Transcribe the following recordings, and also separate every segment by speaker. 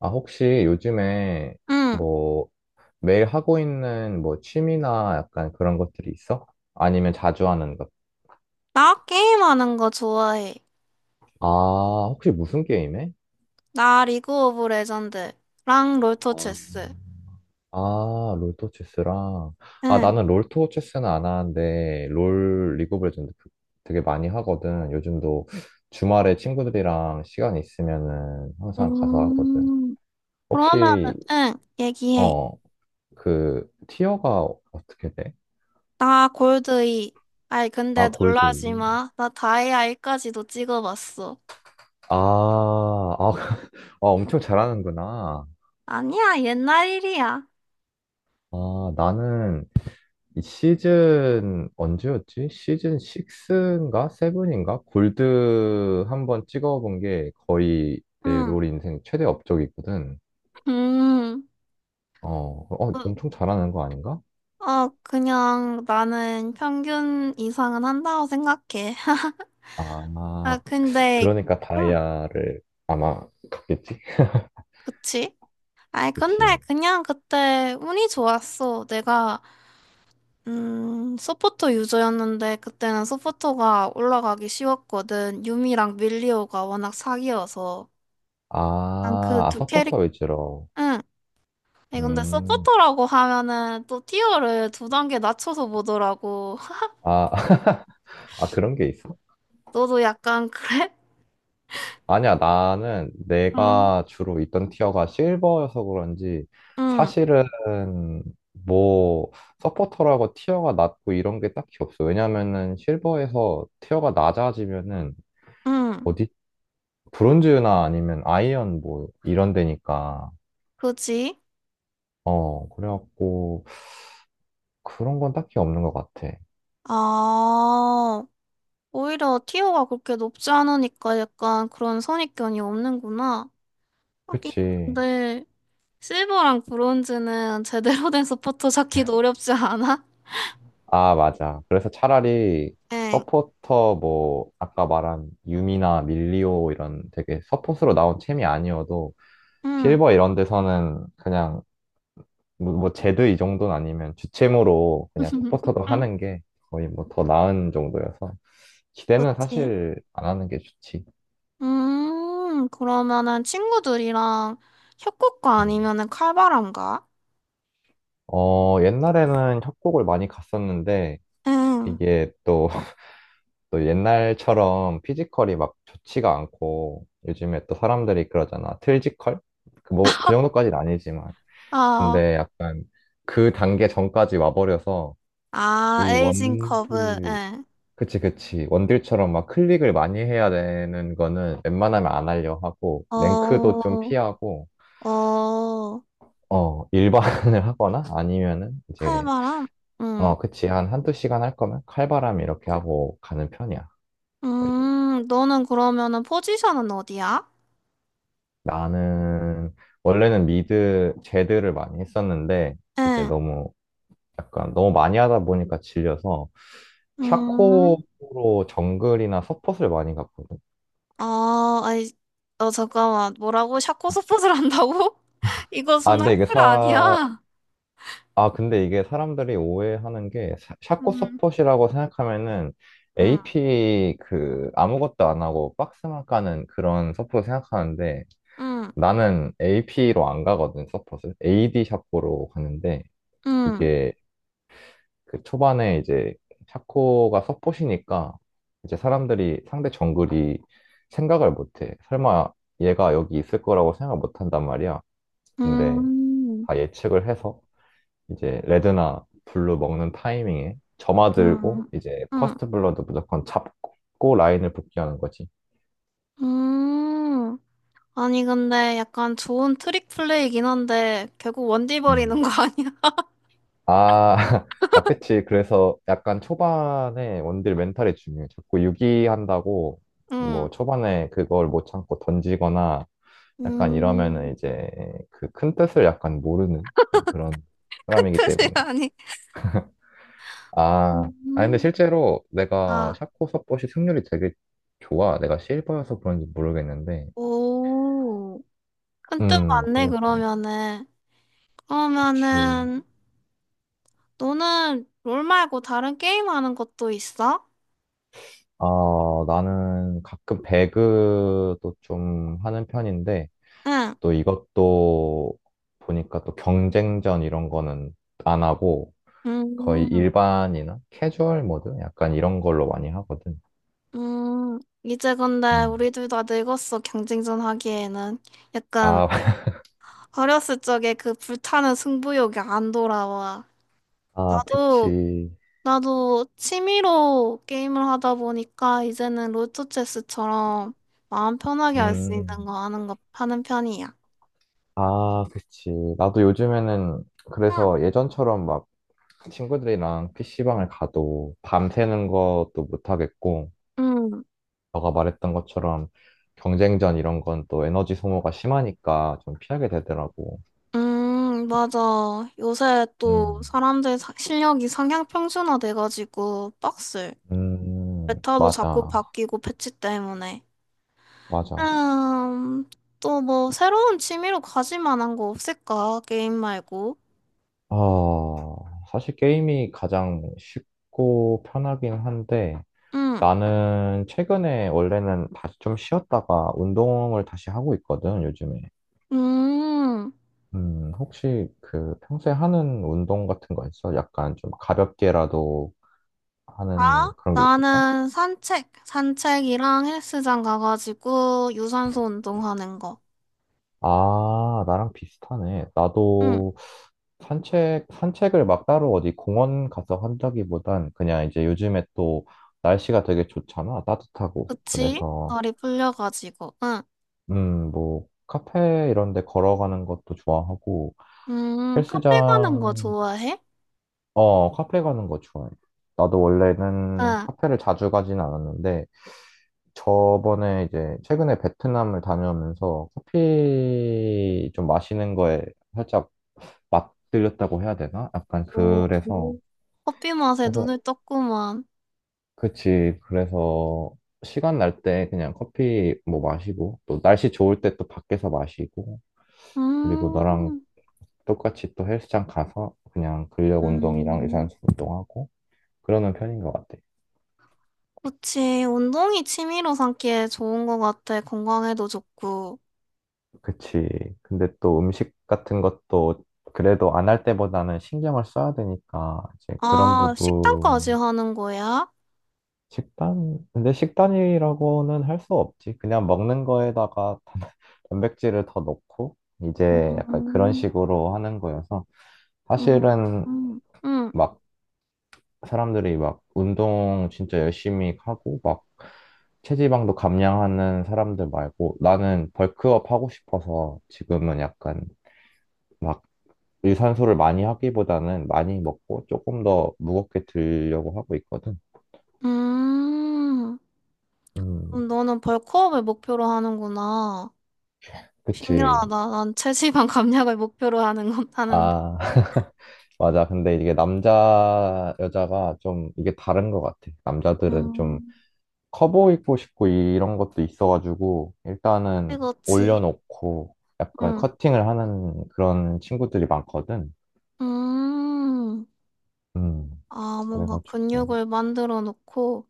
Speaker 1: 아, 혹시 요즘에
Speaker 2: 응,
Speaker 1: 뭐 매일 하고 있는 뭐 취미나 약간 그런 것들이 있어? 아니면 자주 하는 것?
Speaker 2: 나 게임하는 거 좋아해.
Speaker 1: 아, 혹시 무슨 게임해?
Speaker 2: 나 리그 오브 레전드랑 롤토
Speaker 1: 어,
Speaker 2: 체스.
Speaker 1: 아, 롤토 체스랑. 아,
Speaker 2: 응.
Speaker 1: 나는 롤토 체스는 안 하는데 롤 리그 오브 레전드 되게 많이 하거든. 요즘도 주말에 친구들이랑 시간 있으면은 항상 가서 하거든.
Speaker 2: 음, 그러면은,
Speaker 1: 혹시
Speaker 2: 응, 얘기해.
Speaker 1: 어, 그 티어가 어떻게 돼?
Speaker 2: 나 골드 이 아이, 근데
Speaker 1: 아, 골드
Speaker 2: 놀라지
Speaker 1: 2.
Speaker 2: 마. 나 다이아 이까지도 찍어봤어.
Speaker 1: 아, 아, 엄청 잘하는구나.
Speaker 2: 아니야, 옛날 일이야.
Speaker 1: 아, 나는 이 시즌 언제였지? 시즌 6인가? 7인가? 골드 한 번 찍어본 게 거의 내
Speaker 2: 응,
Speaker 1: 롤 인생 최대 업적이거든.
Speaker 2: 음.
Speaker 1: 어, 어,
Speaker 2: 어,
Speaker 1: 엄청 잘하는 거 아닌가?
Speaker 2: 그냥 나는 평균 이상은 한다고 생각해. 아,
Speaker 1: 아,
Speaker 2: 근데,
Speaker 1: 그러니까
Speaker 2: 응,
Speaker 1: 다이아를 아마 갔겠지?
Speaker 2: 그치? 아이, 근데
Speaker 1: 그치.
Speaker 2: 그냥 그때 운이 좋았어. 내가, 서포터 유저였는데 그때는 서포터가 올라가기 쉬웠거든. 유미랑 밀리오가 워낙 사기여서. 난 그
Speaker 1: 아, 아,
Speaker 2: 두
Speaker 1: 서포터
Speaker 2: 캐릭,
Speaker 1: 위주로.
Speaker 2: 응. 아니, 근데
Speaker 1: 음,
Speaker 2: 서포터라고 하면은 또 티어를 두 단계 낮춰서 보더라고.
Speaker 1: 아, 아, 그런 게 있어?
Speaker 2: 너도 약간 그래?
Speaker 1: 아니야, 나는
Speaker 2: 응.
Speaker 1: 내가 주로 있던 티어가 실버여서 그런지
Speaker 2: 응,
Speaker 1: 사실은 뭐 서포터라고 티어가 낮고 이런 게 딱히 없어. 왜냐면은 실버에서 티어가 낮아지면은
Speaker 2: 응.
Speaker 1: 어디 브론즈나 아니면 아이언 뭐 이런 데니까.
Speaker 2: 그지?
Speaker 1: 어, 그래갖고 그런 건 딱히 없는 것 같아.
Speaker 2: 아, 오히려 티어가 그렇게 높지 않으니까 약간 그런 선입견이 없는구나. 하긴
Speaker 1: 그치.
Speaker 2: 근데 실버랑 브론즈는 제대로 된 서포터 찾기도 어렵지 않아?
Speaker 1: 아, 맞아. 그래서 차라리
Speaker 2: 응,
Speaker 1: 서포터 뭐 아까 말한 유미나 밀리오 이런 되게 서폿으로 나온 챔이 아니어도
Speaker 2: 응.
Speaker 1: 실버 이런 데서는 그냥 뭐 제드 이 정도는 아니면 주챔으로 그냥 서포터도
Speaker 2: 응.
Speaker 1: 하는 게 거의 뭐 더 나은 정도여서 기대는
Speaker 2: 그치.
Speaker 1: 사실 안 하는 게 좋지.
Speaker 2: 그러면은 친구들이랑 협곡가
Speaker 1: 음.
Speaker 2: 아니면은 칼바람가?
Speaker 1: 어, 옛날에는 협곡을 많이 갔었는데
Speaker 2: 응.
Speaker 1: 이게 또 옛날처럼 피지컬이 막 좋지가 않고 요즘에 또 사람들이 그러잖아. 틀지컬? 그 뭐, 그 정도까지는 아니지만.
Speaker 2: 아,
Speaker 1: 근데 약간 그 단계 전까지 와버려서
Speaker 2: 아,
Speaker 1: 이
Speaker 2: 에이징 커브.
Speaker 1: 원딜,
Speaker 2: 예.
Speaker 1: 그치, 그치. 원딜처럼 막 클릭을 많이 해야 되는 거는 웬만하면 안 하려 하고, 랭크도
Speaker 2: 어,
Speaker 1: 좀 피하고,
Speaker 2: 어,
Speaker 1: 어, 일반을 하거나 아니면은 이제,
Speaker 2: 칼바람? 응.
Speaker 1: 어, 그치. 한 한두 시간 할 거면 칼바람 이렇게 하고 가는 편이야. 거의.
Speaker 2: 너는 그러면은 포지션은 어디야?
Speaker 1: 나는 원래는 미드 제드를 많이 했었는데 이제
Speaker 2: 응.
Speaker 1: 너무 약간 너무 많이 하다 보니까 질려서 샤코로
Speaker 2: 음.
Speaker 1: 정글이나 서폿을 많이 갔거든.
Speaker 2: 아, 아니, 어, 잠깐만. 뭐라고? 샤코 서폿을 한다고? 이거
Speaker 1: 아 근데 이게
Speaker 2: 순학술
Speaker 1: 사
Speaker 2: 아니야?
Speaker 1: 아 근데 이게 사람들이 오해하는 게 샤코
Speaker 2: 음,
Speaker 1: 서폿이라고 생각하면은
Speaker 2: 음,
Speaker 1: AP 그 아무것도 안 하고 박스만 까는 그런 서폿 생각하는데
Speaker 2: 음,
Speaker 1: 나는 AP로 안 가거든 서폿을 AD 샤코로 가는데
Speaker 2: 음,
Speaker 1: 이게 그 초반에 이제 샤코가 서폿이니까 이제 사람들이 상대 정글이 생각을 못해. 설마 얘가 여기 있을 거라고 생각 못 한단 말이야. 근데
Speaker 2: 음,
Speaker 1: 다 예측을 해서 이제 레드나 블루 먹는 타이밍에 점화 들고
Speaker 2: 음,
Speaker 1: 이제
Speaker 2: 음,
Speaker 1: 퍼스트 블러드 무조건 잡고 라인을 복귀하는 거지.
Speaker 2: 음. 아니, 근데 약간 좋은 트릭 플레이긴 한데, 결국 원딜
Speaker 1: 음.
Speaker 2: 버리는 거 아니야?
Speaker 1: 아, 아, 그치. 그래서 약간 초반에 원딜 멘탈이 중요해. 자꾸 유기한다고 뭐
Speaker 2: 음,
Speaker 1: 초반에 그걸 못 참고 던지거나 약간
Speaker 2: 음,
Speaker 1: 이러면은 이제 그 큰 뜻을 약간 모르는 약간 그런
Speaker 2: 큰
Speaker 1: 사람이기
Speaker 2: 뜻이
Speaker 1: 때문에.
Speaker 2: 아니.
Speaker 1: 아, 아 근데
Speaker 2: 음,
Speaker 1: 실제로 내가
Speaker 2: 아,
Speaker 1: 샤코 서폿이 승률이 되게 좋아. 내가 실버여서 그런지 모르겠는데.
Speaker 2: 오. 큰 뜻 맞네,
Speaker 1: 그래,
Speaker 2: 그러면은.
Speaker 1: 그치.
Speaker 2: 그러면은, 너는 롤 말고 다른 게임 하는 것도 있어?
Speaker 1: 아, 나는 가끔 배그도 좀 하는 편인데,
Speaker 2: 응.
Speaker 1: 또 이것도 보니까 또 경쟁전 이런 거는 안 하고, 거의
Speaker 2: 음,
Speaker 1: 일반이나 캐주얼 모드? 약간 이런 걸로 많이 하거든.
Speaker 2: 이제 근데
Speaker 1: 음.
Speaker 2: 우리 둘 다 늙었어, 경쟁전 하기에는. 약간
Speaker 1: 아,
Speaker 2: 어렸을 적에 그 불타는 승부욕이 안 돌아와.
Speaker 1: 아,
Speaker 2: 나도,
Speaker 1: 그치.
Speaker 2: 나도 취미로 게임을 하다 보니까 이제는 롤토체스처럼 마음 편하게 할 수 있는
Speaker 1: 음,
Speaker 2: 거 하는 거, 하는 편이야.
Speaker 1: 아, 그치. 나도 요즘에는
Speaker 2: 응.
Speaker 1: 그래서 예전처럼 막 친구들이랑 PC방을 가도 밤새는 것도 못하겠고,
Speaker 2: 응.
Speaker 1: 너가 말했던 것처럼 경쟁전 이런 건 또 에너지 소모가 심하니까 좀 피하게 되더라고.
Speaker 2: 맞아. 요새 또
Speaker 1: 음,
Speaker 2: 사람들 사- 실력이 상향 평준화 돼가지고 빡슬. 메타도 자꾸
Speaker 1: 맞아.
Speaker 2: 바뀌고 패치 때문에.
Speaker 1: 맞아.
Speaker 2: 음, 또 뭐 새로운 취미로 가질 만한 거 없을까? 게임 말고.
Speaker 1: 아, 사실 게임이 가장 쉽고 편하긴 한데,
Speaker 2: 음,
Speaker 1: 나는 최근에 원래는 다시 좀 쉬었다가 운동을 다시 하고 있거든, 요즘에.
Speaker 2: 음.
Speaker 1: 혹시 그 평소에 하는 운동 같은 거 있어? 약간 좀 가볍게라도 하는
Speaker 2: 아?
Speaker 1: 그런 게 있을까?
Speaker 2: 나는 산책, 산책이랑 헬스장 가가지고 유산소 운동하는 거.
Speaker 1: 아, 나랑 비슷하네.
Speaker 2: 응,
Speaker 1: 나도 산책을 막 따로 어디 공원 가서 한다기보단 그냥 이제 요즘에 또 날씨가 되게 좋잖아. 따뜻하고.
Speaker 2: 그치?
Speaker 1: 그래서,
Speaker 2: 다리 풀려가지고. 응.
Speaker 1: 뭐, 카페 이런 데 걸어가는 것도 좋아하고,
Speaker 2: 카페 가는 거
Speaker 1: 헬스장
Speaker 2: 좋아해?
Speaker 1: 어, 카페 가는 거 좋아해. 나도 원래는
Speaker 2: 응.
Speaker 1: 카페를 자주 가진 않았는데, 저번에 이제 최근에 베트남을 다녀오면서 커피 좀 마시는 거에 살짝 맛들렸다고 해야 되나? 약간
Speaker 2: 오,
Speaker 1: 그래서,
Speaker 2: 커피 맛에
Speaker 1: 그래서,
Speaker 2: 눈을 떴구만.
Speaker 1: 그치. 그래서 시간 날 때 그냥 커피 뭐 마시고, 또 날씨 좋을 때 또 밖에서 마시고, 그리고 너랑
Speaker 2: 음,
Speaker 1: 똑같이 또 헬스장 가서 그냥 근력 운동이랑
Speaker 2: 음,
Speaker 1: 유산소 운동하고, 그러는 편인 것 같아.
Speaker 2: 그치. 운동이 취미로 삼기에 좋은 것 같아. 건강에도 좋고.
Speaker 1: 그치. 근데 또 음식 같은 것도 그래도 안 할 때보다는 신경을 써야 되니까 이제 그런
Speaker 2: 아, 식단까지
Speaker 1: 부분
Speaker 2: 하는 거야?
Speaker 1: 식단 근데 식단이라고는 할 수 없지. 그냥 먹는 거에다가 단백질을 더 넣고 이제 약간 그런
Speaker 2: 음,
Speaker 1: 식으로 하는 거여서
Speaker 2: 음,
Speaker 1: 사실은
Speaker 2: 음, 음.
Speaker 1: 막 사람들이 막 운동 진짜 열심히 하고 막 체지방도 감량하는 사람들 말고 나는 벌크업 하고 싶어서 지금은 약간 막 유산소를 많이 하기보다는 많이 먹고 조금 더 무겁게 들려고 하고 있거든.
Speaker 2: 음.
Speaker 1: 음,
Speaker 2: 그럼 너는 벌크업을 목표로 하는구나. 신기하다.
Speaker 1: 그치.
Speaker 2: 난 체지방 감량을 목표로 하는 건 하는데.
Speaker 1: 아, 맞아. 근데 이게 남자, 여자가 좀 이게 다른 것 같아. 남자들은 좀
Speaker 2: 음.
Speaker 1: 커 보이고 싶고 이런 것도 있어가지고 일단은
Speaker 2: 그렇지.
Speaker 1: 올려놓고 약간
Speaker 2: 응.
Speaker 1: 커팅을 하는 그런 친구들이 많거든.
Speaker 2: 음.
Speaker 1: 음,
Speaker 2: 아, 뭔가
Speaker 1: 그래가지고.
Speaker 2: 근육을 만들어 놓고,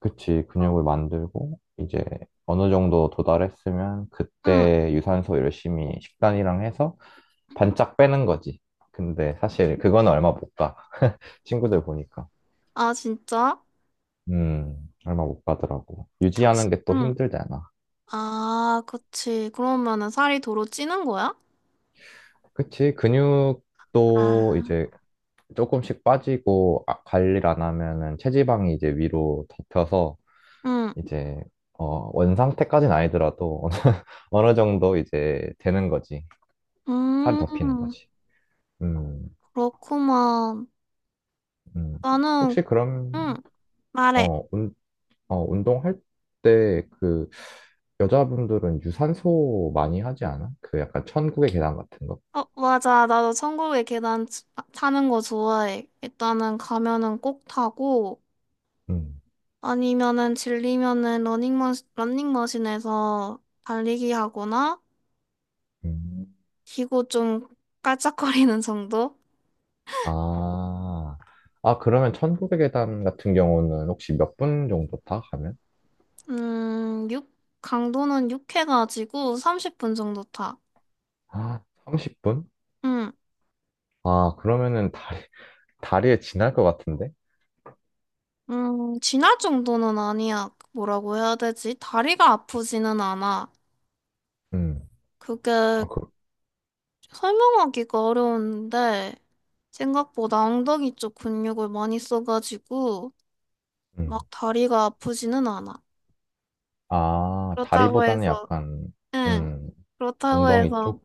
Speaker 1: 그치, 근육을 만들고, 이제 어느 정도 도달했으면
Speaker 2: 응,
Speaker 1: 그때 유산소 열심히 식단이랑 해서 반짝 빼는 거지. 근데 사실 그거는 얼마 못 가. 친구들 보니까.
Speaker 2: 아, 진짜?
Speaker 1: 음, 얼마 못 가더라고.
Speaker 2: 적시,
Speaker 1: 유지하는 게 또
Speaker 2: 응.
Speaker 1: 힘들잖아.
Speaker 2: 아, 그치. 그러면은 살이 도로 찌는 거야?
Speaker 1: 그치, 근육도
Speaker 2: 아,
Speaker 1: 이제 조금씩 빠지고 아, 관리를 안 하면은 체지방이 이제 위로 덮여서
Speaker 2: 응,
Speaker 1: 이제 어, 원상태까지는 아니더라도 어느 정도 이제 되는 거지. 살이 덮이는
Speaker 2: 음,
Speaker 1: 거지. 음,
Speaker 2: 그렇구만.
Speaker 1: 음.
Speaker 2: 나는,
Speaker 1: 혹시 그럼,
Speaker 2: 응, 말해.
Speaker 1: 어, 운, 어, 운동할 때 그, 여자분들은 유산소 많이 하지 않아? 그 약간 천국의 계단 같은 거?
Speaker 2: 어, 맞아. 나도 천국의 계단 치- 아, 타는 거 좋아해. 일단은 가면은 꼭 타고,
Speaker 1: 음,
Speaker 2: 아니면은 질리면은 러닝머신, 러닝머신에서 달리기 하거나,
Speaker 1: 음.
Speaker 2: 기고 좀 깔짝거리는 정도?
Speaker 1: 아, 아, 그러면 천국의 계단 같은 경우는 혹시 몇 분 정도 다 가면?
Speaker 2: 육? 강도는 육 해가지고 30분 정도 타.
Speaker 1: 아, 30분?
Speaker 2: 음,
Speaker 1: 아, 그러면은 다리에 지날 것 같은데?
Speaker 2: 지날 정도는 아니야. 뭐라고 해야 되지? 다리가 아프지는 않아.
Speaker 1: 음,
Speaker 2: 그게
Speaker 1: 아, 그,
Speaker 2: 설명하기가 어려운데, 생각보다 엉덩이 쪽 근육을 많이 써가지고,
Speaker 1: 음.
Speaker 2: 막 다리가 아프지는 않아.
Speaker 1: 아,
Speaker 2: 그렇다고
Speaker 1: 다리보다는
Speaker 2: 해서,
Speaker 1: 약간,
Speaker 2: 응,
Speaker 1: 음,
Speaker 2: 그렇다고
Speaker 1: 엉덩이
Speaker 2: 해서
Speaker 1: 쪽?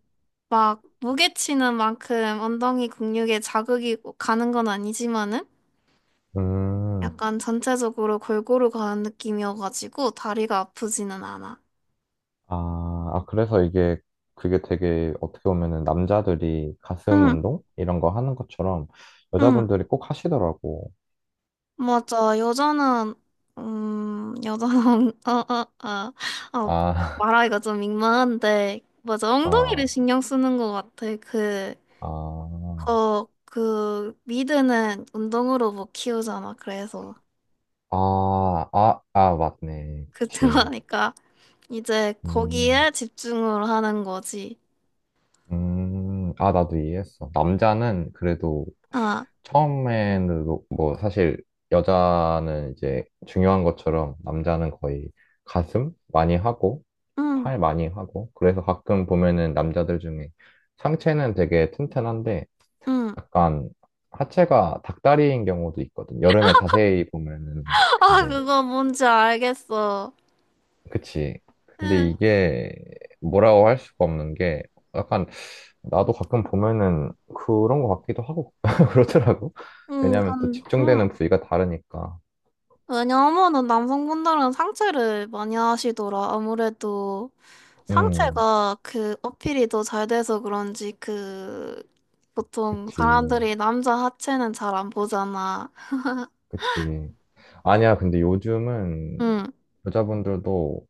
Speaker 2: 막 무게 치는 만큼 엉덩이 근육에 자극이 가는 건 아니지만은
Speaker 1: 음.
Speaker 2: 약간 전체적으로 골고루 가는 느낌이어가지고 다리가 아프지는 않아.
Speaker 1: 아, 아, 그래서 이게, 그게 되게 어떻게 보면은 남자들이 가슴
Speaker 2: 응,
Speaker 1: 운동? 이런 거 하는 것처럼
Speaker 2: 응.
Speaker 1: 여자분들이 꼭 하시더라고.
Speaker 2: 맞아. 여자는, 여자는, 어, 어, 어. 아,
Speaker 1: 아,
Speaker 2: 말하기가 좀 민망한데, 맞아. 엉덩이를
Speaker 1: 아,
Speaker 2: 신경 쓰는 것 같아. 그,
Speaker 1: 아,
Speaker 2: 어, 그, 미드는 운동으로 못 키우잖아. 그래서.
Speaker 1: 아, 맞네.
Speaker 2: 그,
Speaker 1: 그치.
Speaker 2: 들어가니까. 이제
Speaker 1: 음,
Speaker 2: 거기에 집중을 하는 거지.
Speaker 1: 아, 나도 이해했어. 남자는 그래도
Speaker 2: 아,
Speaker 1: 처음에는 뭐 사실 여자는 이제 중요한 것처럼 남자는 거의 가슴 많이 하고
Speaker 2: 응,
Speaker 1: 팔 많이 하고 그래서 가끔 보면은 남자들 중에 상체는 되게 튼튼한데
Speaker 2: 응.
Speaker 1: 약간 하체가 닭다리인 경우도 있거든. 여름에 자세히 보면은
Speaker 2: 아,
Speaker 1: 근데
Speaker 2: 그거 뭔지 알겠어.
Speaker 1: 그치. 근데
Speaker 2: 응,
Speaker 1: 이게 뭐라고 할 수가 없는 게 약간 나도 가끔 보면은 그런 것 같기도 하고 그러더라고.
Speaker 2: 응,
Speaker 1: 왜냐면 또
Speaker 2: 건,
Speaker 1: 집중되는
Speaker 2: 응.
Speaker 1: 부위가 다르니까.
Speaker 2: 왜냐하면은 남성분들은 상체를 많이 하시더라. 아무래도
Speaker 1: 음,
Speaker 2: 상체가 그 어필이 더 잘 돼서 그런지 그 보통
Speaker 1: 그치.
Speaker 2: 사람들이 남자 하체는 잘 안 보잖아.
Speaker 1: 그치. 아니야, 근데 요즘은
Speaker 2: 응.
Speaker 1: 여자분들도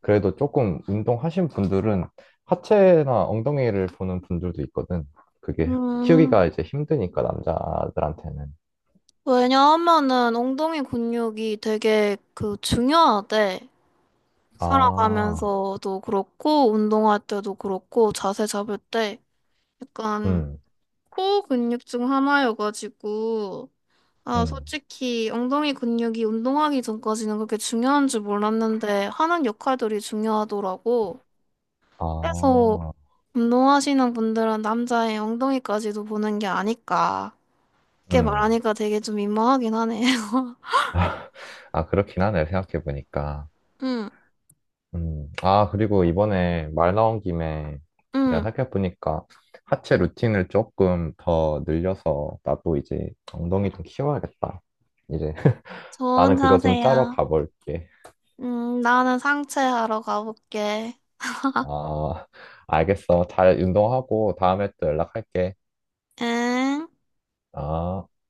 Speaker 1: 그래도 조금 운동하신 분들은 하체나 엉덩이를 보는 분들도 있거든. 그게
Speaker 2: 음,
Speaker 1: 키우기가 이제 힘드니까 남자들한테는.
Speaker 2: 왜냐하면은 엉덩이 근육이 되게 그 중요하대.
Speaker 1: 아,
Speaker 2: 살아가면서도 그렇고, 운동할 때도 그렇고, 자세 잡을 때 약간
Speaker 1: 음,
Speaker 2: 코 근육 중 하나여가지고, 아,
Speaker 1: 음.
Speaker 2: 솔직히 엉덩이 근육이 운동하기 전까지는 그렇게 중요한 줄 몰랐는데, 하는 역할들이 중요하더라고. 그래서
Speaker 1: 아.
Speaker 2: 운동하시는 분들은 남자의 엉덩이까지도 보는 게 아닐까. 그렇게
Speaker 1: 음.
Speaker 2: 말하니까 되게 좀 민망하긴 하네요.
Speaker 1: 아, 그렇긴 하네, 생각해보니까.
Speaker 2: 응,
Speaker 1: 음. 아, 그리고 이번에 말 나온 김에 내가
Speaker 2: 응.
Speaker 1: 생각해보니까 하체 루틴을 조금 더 늘려서 나도 이제 엉덩이 좀 키워야겠다. 이제
Speaker 2: 좋은
Speaker 1: 나는 그거 좀 짜러
Speaker 2: 자세야.
Speaker 1: 가볼게.
Speaker 2: 나는 상체 하러 가볼게.
Speaker 1: 아, 알겠어. 잘 운동하고 다음에 또 연락할게.
Speaker 2: 응.
Speaker 1: 아.